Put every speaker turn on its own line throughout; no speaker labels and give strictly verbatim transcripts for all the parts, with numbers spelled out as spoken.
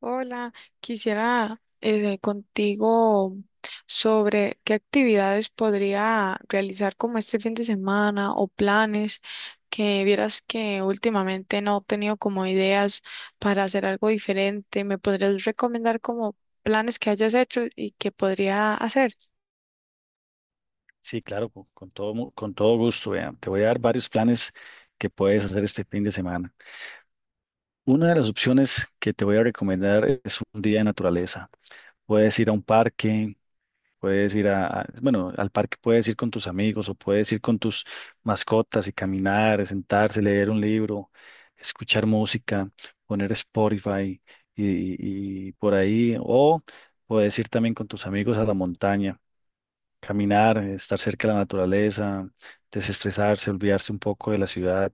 Hola, quisiera eh, contigo sobre qué actividades podría realizar como este fin de semana o planes que vieras que últimamente no he tenido como ideas para hacer algo diferente. ¿Me podrías recomendar como planes que hayas hecho y que podría hacer?
Sí, claro, con, con todo, mu- con todo gusto, vean. Te voy a dar varios planes que puedes hacer este fin de semana. Una de las opciones que te voy a recomendar es un día de naturaleza. Puedes ir a un parque, puedes ir a, a- bueno, al parque puedes ir con tus amigos o puedes ir con tus mascotas y caminar, sentarse, leer un libro, escuchar música, poner Spotify y, y por ahí. O puedes ir también con tus amigos a la montaña. Caminar, estar cerca de la naturaleza, desestresarse, olvidarse un poco de la ciudad.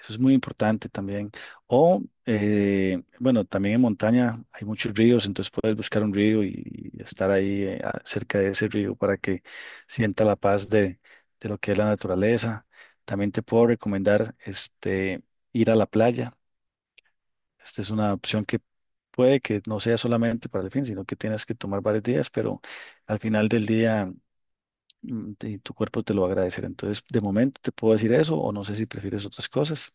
Eso es muy importante también. O, eh, bueno, también en montaña hay muchos ríos, entonces puedes buscar un río y, y estar ahí eh, a- cerca de ese río para que sienta la paz de, de lo que es la naturaleza. También te puedo recomendar este, ir a la playa. Esta es una opción que puede que no sea solamente para el fin, sino que tienes que tomar varios días, pero al final del día mm, y tu cuerpo te lo va a agradecer. Entonces, de momento te puedo decir eso o no sé si prefieres otras cosas.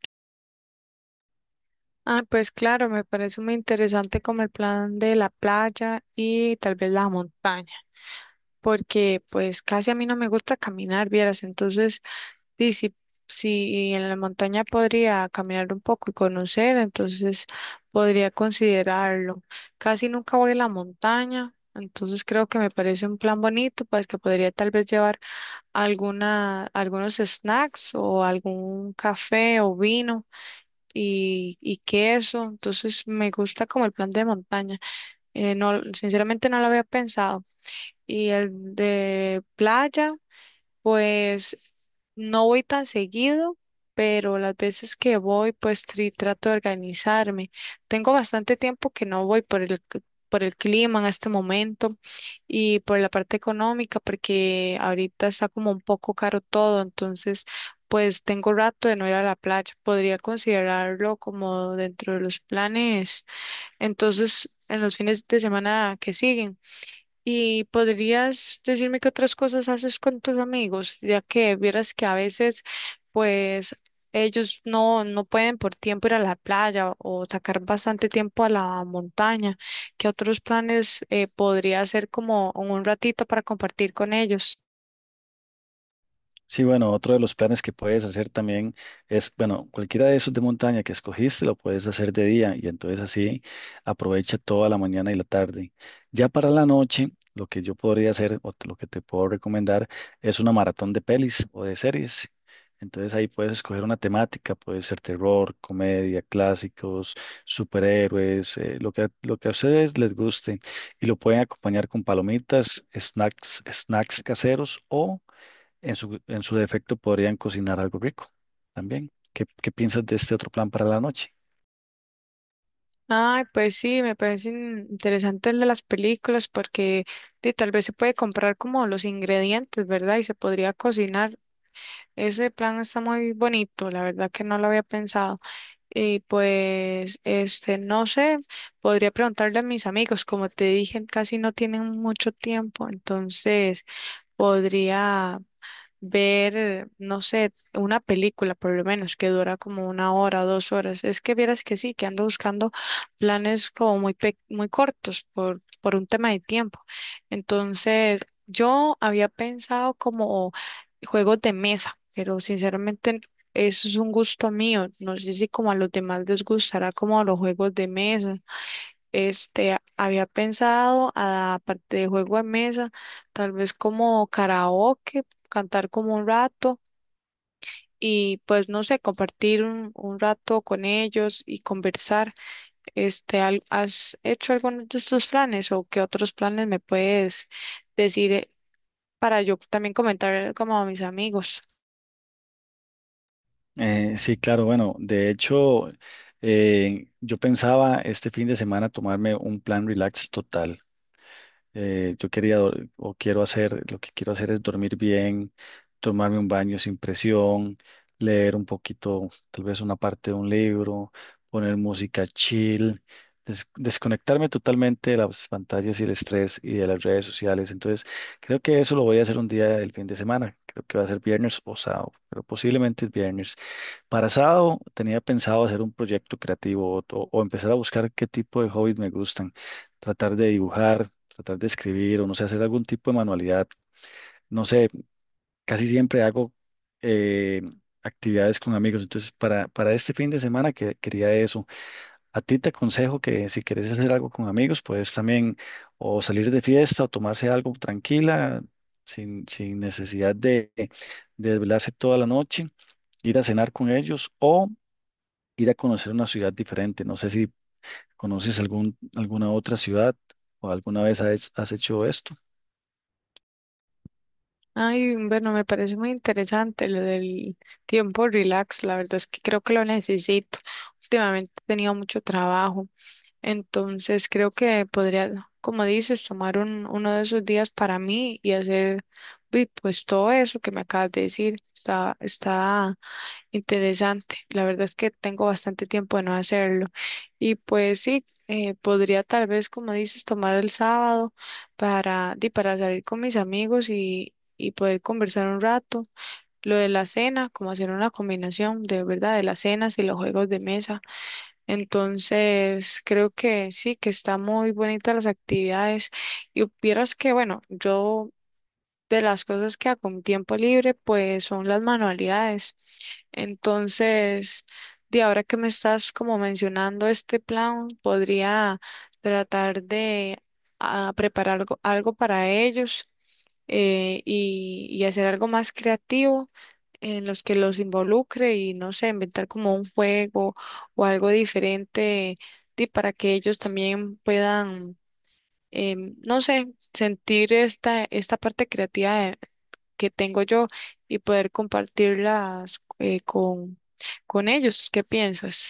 Ah, pues claro, me parece muy interesante como el plan de la playa y tal vez la montaña, porque pues casi a mí no me gusta caminar, vieras, entonces sí, sí, sí, en la montaña podría caminar un poco y conocer, entonces podría considerarlo. Casi nunca voy a la montaña, entonces creo que me parece un plan bonito, pues que podría tal vez llevar alguna, algunos snacks o algún café o vino y, y queso, entonces me gusta como el plan de montaña. Eh, no, sinceramente no lo había pensado. Y el de playa. Pues no voy tan seguido, pero las veces que voy, pues tri- trato de organizarme. Tengo bastante tiempo que no voy por el, c- por el clima en este momento y por la parte económica, porque ahorita está como un poco caro todo, entonces pues tengo rato de no ir a la playa. Podría considerarlo como dentro de los planes. Entonces, en los fines de semana que siguen. ¿Y podrías decirme qué otras cosas haces con tus amigos? Ya que vieras que a veces, pues, ellos no, no pueden por tiempo ir a la playa o sacar bastante tiempo a la montaña. ¿Qué otros planes eh, podría hacer como en un ratito para compartir con ellos?
Sí, bueno, otro de los planes que puedes hacer también es, bueno, cualquiera de esos de montaña que escogiste lo puedes hacer de día y entonces así aprovecha toda la mañana y la tarde. Ya para la noche, lo que yo podría hacer o lo que te puedo recomendar es una maratón de pelis o de series. Entonces ahí puedes escoger una temática, puede ser terror, comedia, clásicos, superhéroes, eh, lo que, lo que a ustedes les guste y lo pueden acompañar con palomitas, snacks, snacks caseros o en su, en su defecto podrían cocinar algo rico también. ¿Qué, qué piensas de este otro plan para la noche?
Ay, pues sí, me parecen interesantes el de las películas porque sí, tal vez se puede comprar como los ingredientes, ¿verdad? Y se podría cocinar. Ese plan está muy bonito, la verdad que no lo había pensado. Y pues, este, no sé, podría preguntarle a mis amigos, como te dije, casi no tienen mucho tiempo, entonces podría ver, eh, no sé, una película por lo menos que dura como una hora, dos horas. Es que vieras que sí, que ando buscando planes como muy, pe- muy cortos por, por un tema de tiempo. Entonces, yo había pensado como juegos de mesa, pero sinceramente eso es un gusto mío. No sé si como a los demás les gustará como los juegos de mesa. Este, a- había pensado, a- aparte de juego de mesa, tal vez como karaoke, cantar como un rato y pues no sé, compartir un, un rato con ellos y conversar. Este, al- ¿has hecho algunos de estos planes o qué otros planes me puedes decir eh, para yo también comentar como a mis amigos?
Eh,, sí, claro, bueno, de hecho, eh, yo pensaba este fin de semana tomarme un plan relax total. Eh, yo quería dor- o quiero hacer, lo que quiero hacer es dormir bien, tomarme un baño sin presión, leer un poquito, tal vez una parte de un libro, poner música chill, des- desconectarme totalmente de las pantallas y el estrés y de las redes sociales. Entonces, creo que eso lo voy a hacer un día del fin de semana. Creo que va a ser viernes o sábado, pero posiblemente es viernes. Para sábado tenía pensado hacer un proyecto creativo o, o empezar a buscar qué tipo de hobbies me gustan, tratar de dibujar, tratar de escribir o no sé, hacer algún tipo de manualidad. No sé, casi siempre hago eh, actividades con amigos, entonces para, para este fin de semana que, quería eso. A ti te aconsejo que si quieres hacer algo con amigos, puedes también o salir de fiesta o tomarse algo tranquila, sin, sin necesidad de, de desvelarse toda la noche, ir a cenar con ellos o ir a conocer una ciudad diferente. No sé si conoces algún, alguna otra ciudad o alguna vez has, has hecho esto.
Ay, bueno, me parece muy interesante lo del tiempo relax, la verdad es que creo que lo necesito. Últimamente he tenido mucho trabajo. Entonces creo que podría, como dices, tomar un, uno de esos días para mí y hacer vi, pues todo eso que me acabas de decir. Está, está interesante. La verdad es que tengo bastante tiempo de no hacerlo. Y pues sí, eh, podría tal vez, como dices, tomar el sábado para, di, para salir con mis amigos y, y poder conversar un rato. Lo de la cena, como hacer una combinación de verdad de la cena y los juegos de mesa. Entonces, creo que sí, que está muy bonita las actividades. Y vieras que, bueno, yo de las cosas que hago en tiempo libre, pues son las manualidades. Entonces, de ahora que me estás como mencionando este plan, podría tratar de ah, preparar algo, algo para ellos eh, y, y hacer algo más creativo en los que los involucre y no sé, inventar como un juego o algo diferente di, para que ellos también puedan, em, no sé, sentir esta, esta parte creativa de- que tengo yo y poder compartirlas eh, con, con ellos. ¿Qué piensas?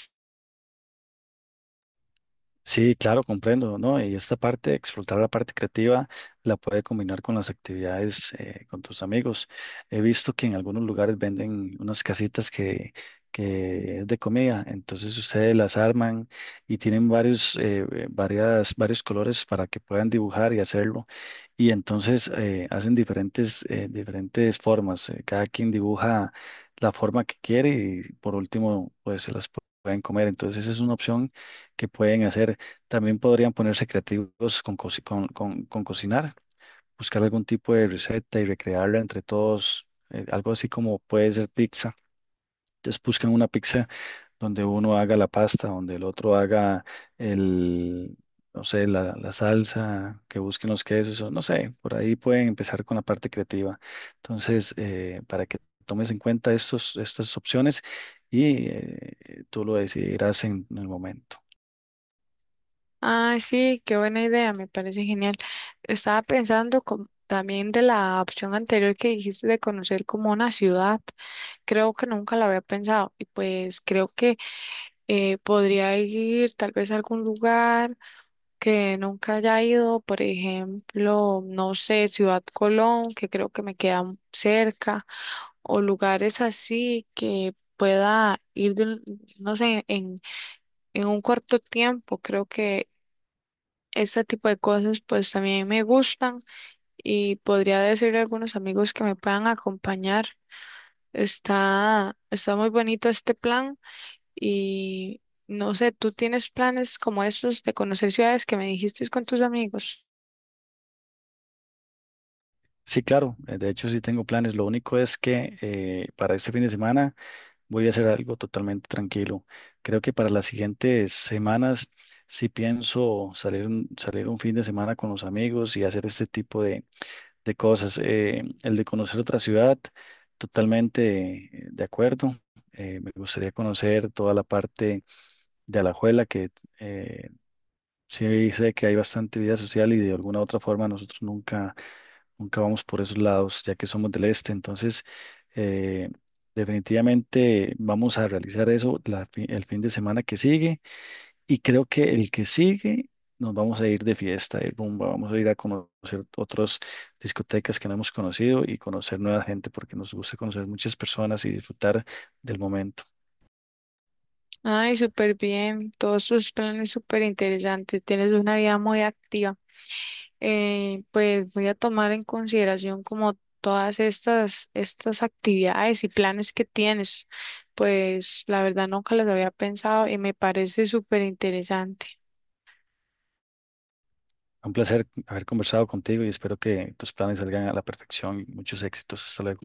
Sí, claro, comprendo, ¿no? Y esta parte, explotar la parte creativa, la puede combinar con las actividades eh, con tus amigos. He visto que en algunos lugares venden unas casitas que, que es de comida, entonces ustedes las arman y tienen varios, eh, eh, varias, varios colores para que puedan dibujar y hacerlo. Y entonces eh, hacen diferentes, eh, diferentes formas. Eh, cada quien dibuja la forma que quiere y por último, pues se las pu- pueden comer. Entonces esa es una opción que pueden hacer. También podrían ponerse creativos con, cosi- con, con- con cocinar, buscar algún tipo de receta y recrearla entre todos, eh, algo así como puede ser pizza. Entonces buscan una pizza donde uno haga la pasta, donde el otro haga el, no sé, la, la salsa, que busquen los quesos, o no sé, por ahí pueden empezar con la parte creativa. Entonces, eh, para que tomes en cuenta estos, estas opciones y eh, tú lo decidirás en en el momento.
Ah, sí, qué buena idea, me parece genial. Estaba pensando com- también de la opción anterior que dijiste de conocer como una ciudad. Creo que nunca la había pensado y pues creo que eh, podría ir tal vez a algún lugar que nunca haya ido, por ejemplo, no sé, Ciudad Colón, que creo que me queda m- cerca, o lugares así que pueda ir, de un- no sé, en, en un corto tiempo. Creo que este tipo de cosas pues también me gustan y podría decirle a algunos amigos que me puedan acompañar. Está, está muy bonito este plan. Y no sé, ¿tú tienes planes como estos de conocer ciudades que me dijiste con tus amigos?
Sí, claro, eh, de hecho sí tengo planes. Lo único es que eh, para este fin de semana voy a hacer algo totalmente tranquilo. Creo que para las siguientes semanas sí pienso salir un, salir un fin de semana con los amigos y hacer este tipo de, de cosas. Eh, el de conocer otra ciudad, totalmente eh, de acuerdo. Eh, me gustaría conocer toda la parte de Alajuela, que eh, sí sé que hay bastante vida social y de alguna otra forma nosotros nunca nunca vamos por esos lados, ya que somos del este. Entonces, eh, definitivamente vamos a realizar eso la fi- el fin de semana que sigue. Y creo que el que sigue nos vamos a ir de fiesta, de rumba, vamos a ir a conocer otras discotecas que no hemos conocido y conocer nueva gente, porque nos gusta conocer muchas personas y disfrutar del momento.
Ay, súper bien, todos tus planes súper interesantes, tienes una vida muy activa. Eh, pues voy a tomar en consideración como todas estas, estas actividades y planes que tienes. Pues la verdad nunca las había pensado y me parece súper interesante.
Un placer haber conversado contigo y espero que tus planes salgan a la perfección y muchos éxitos. Hasta luego.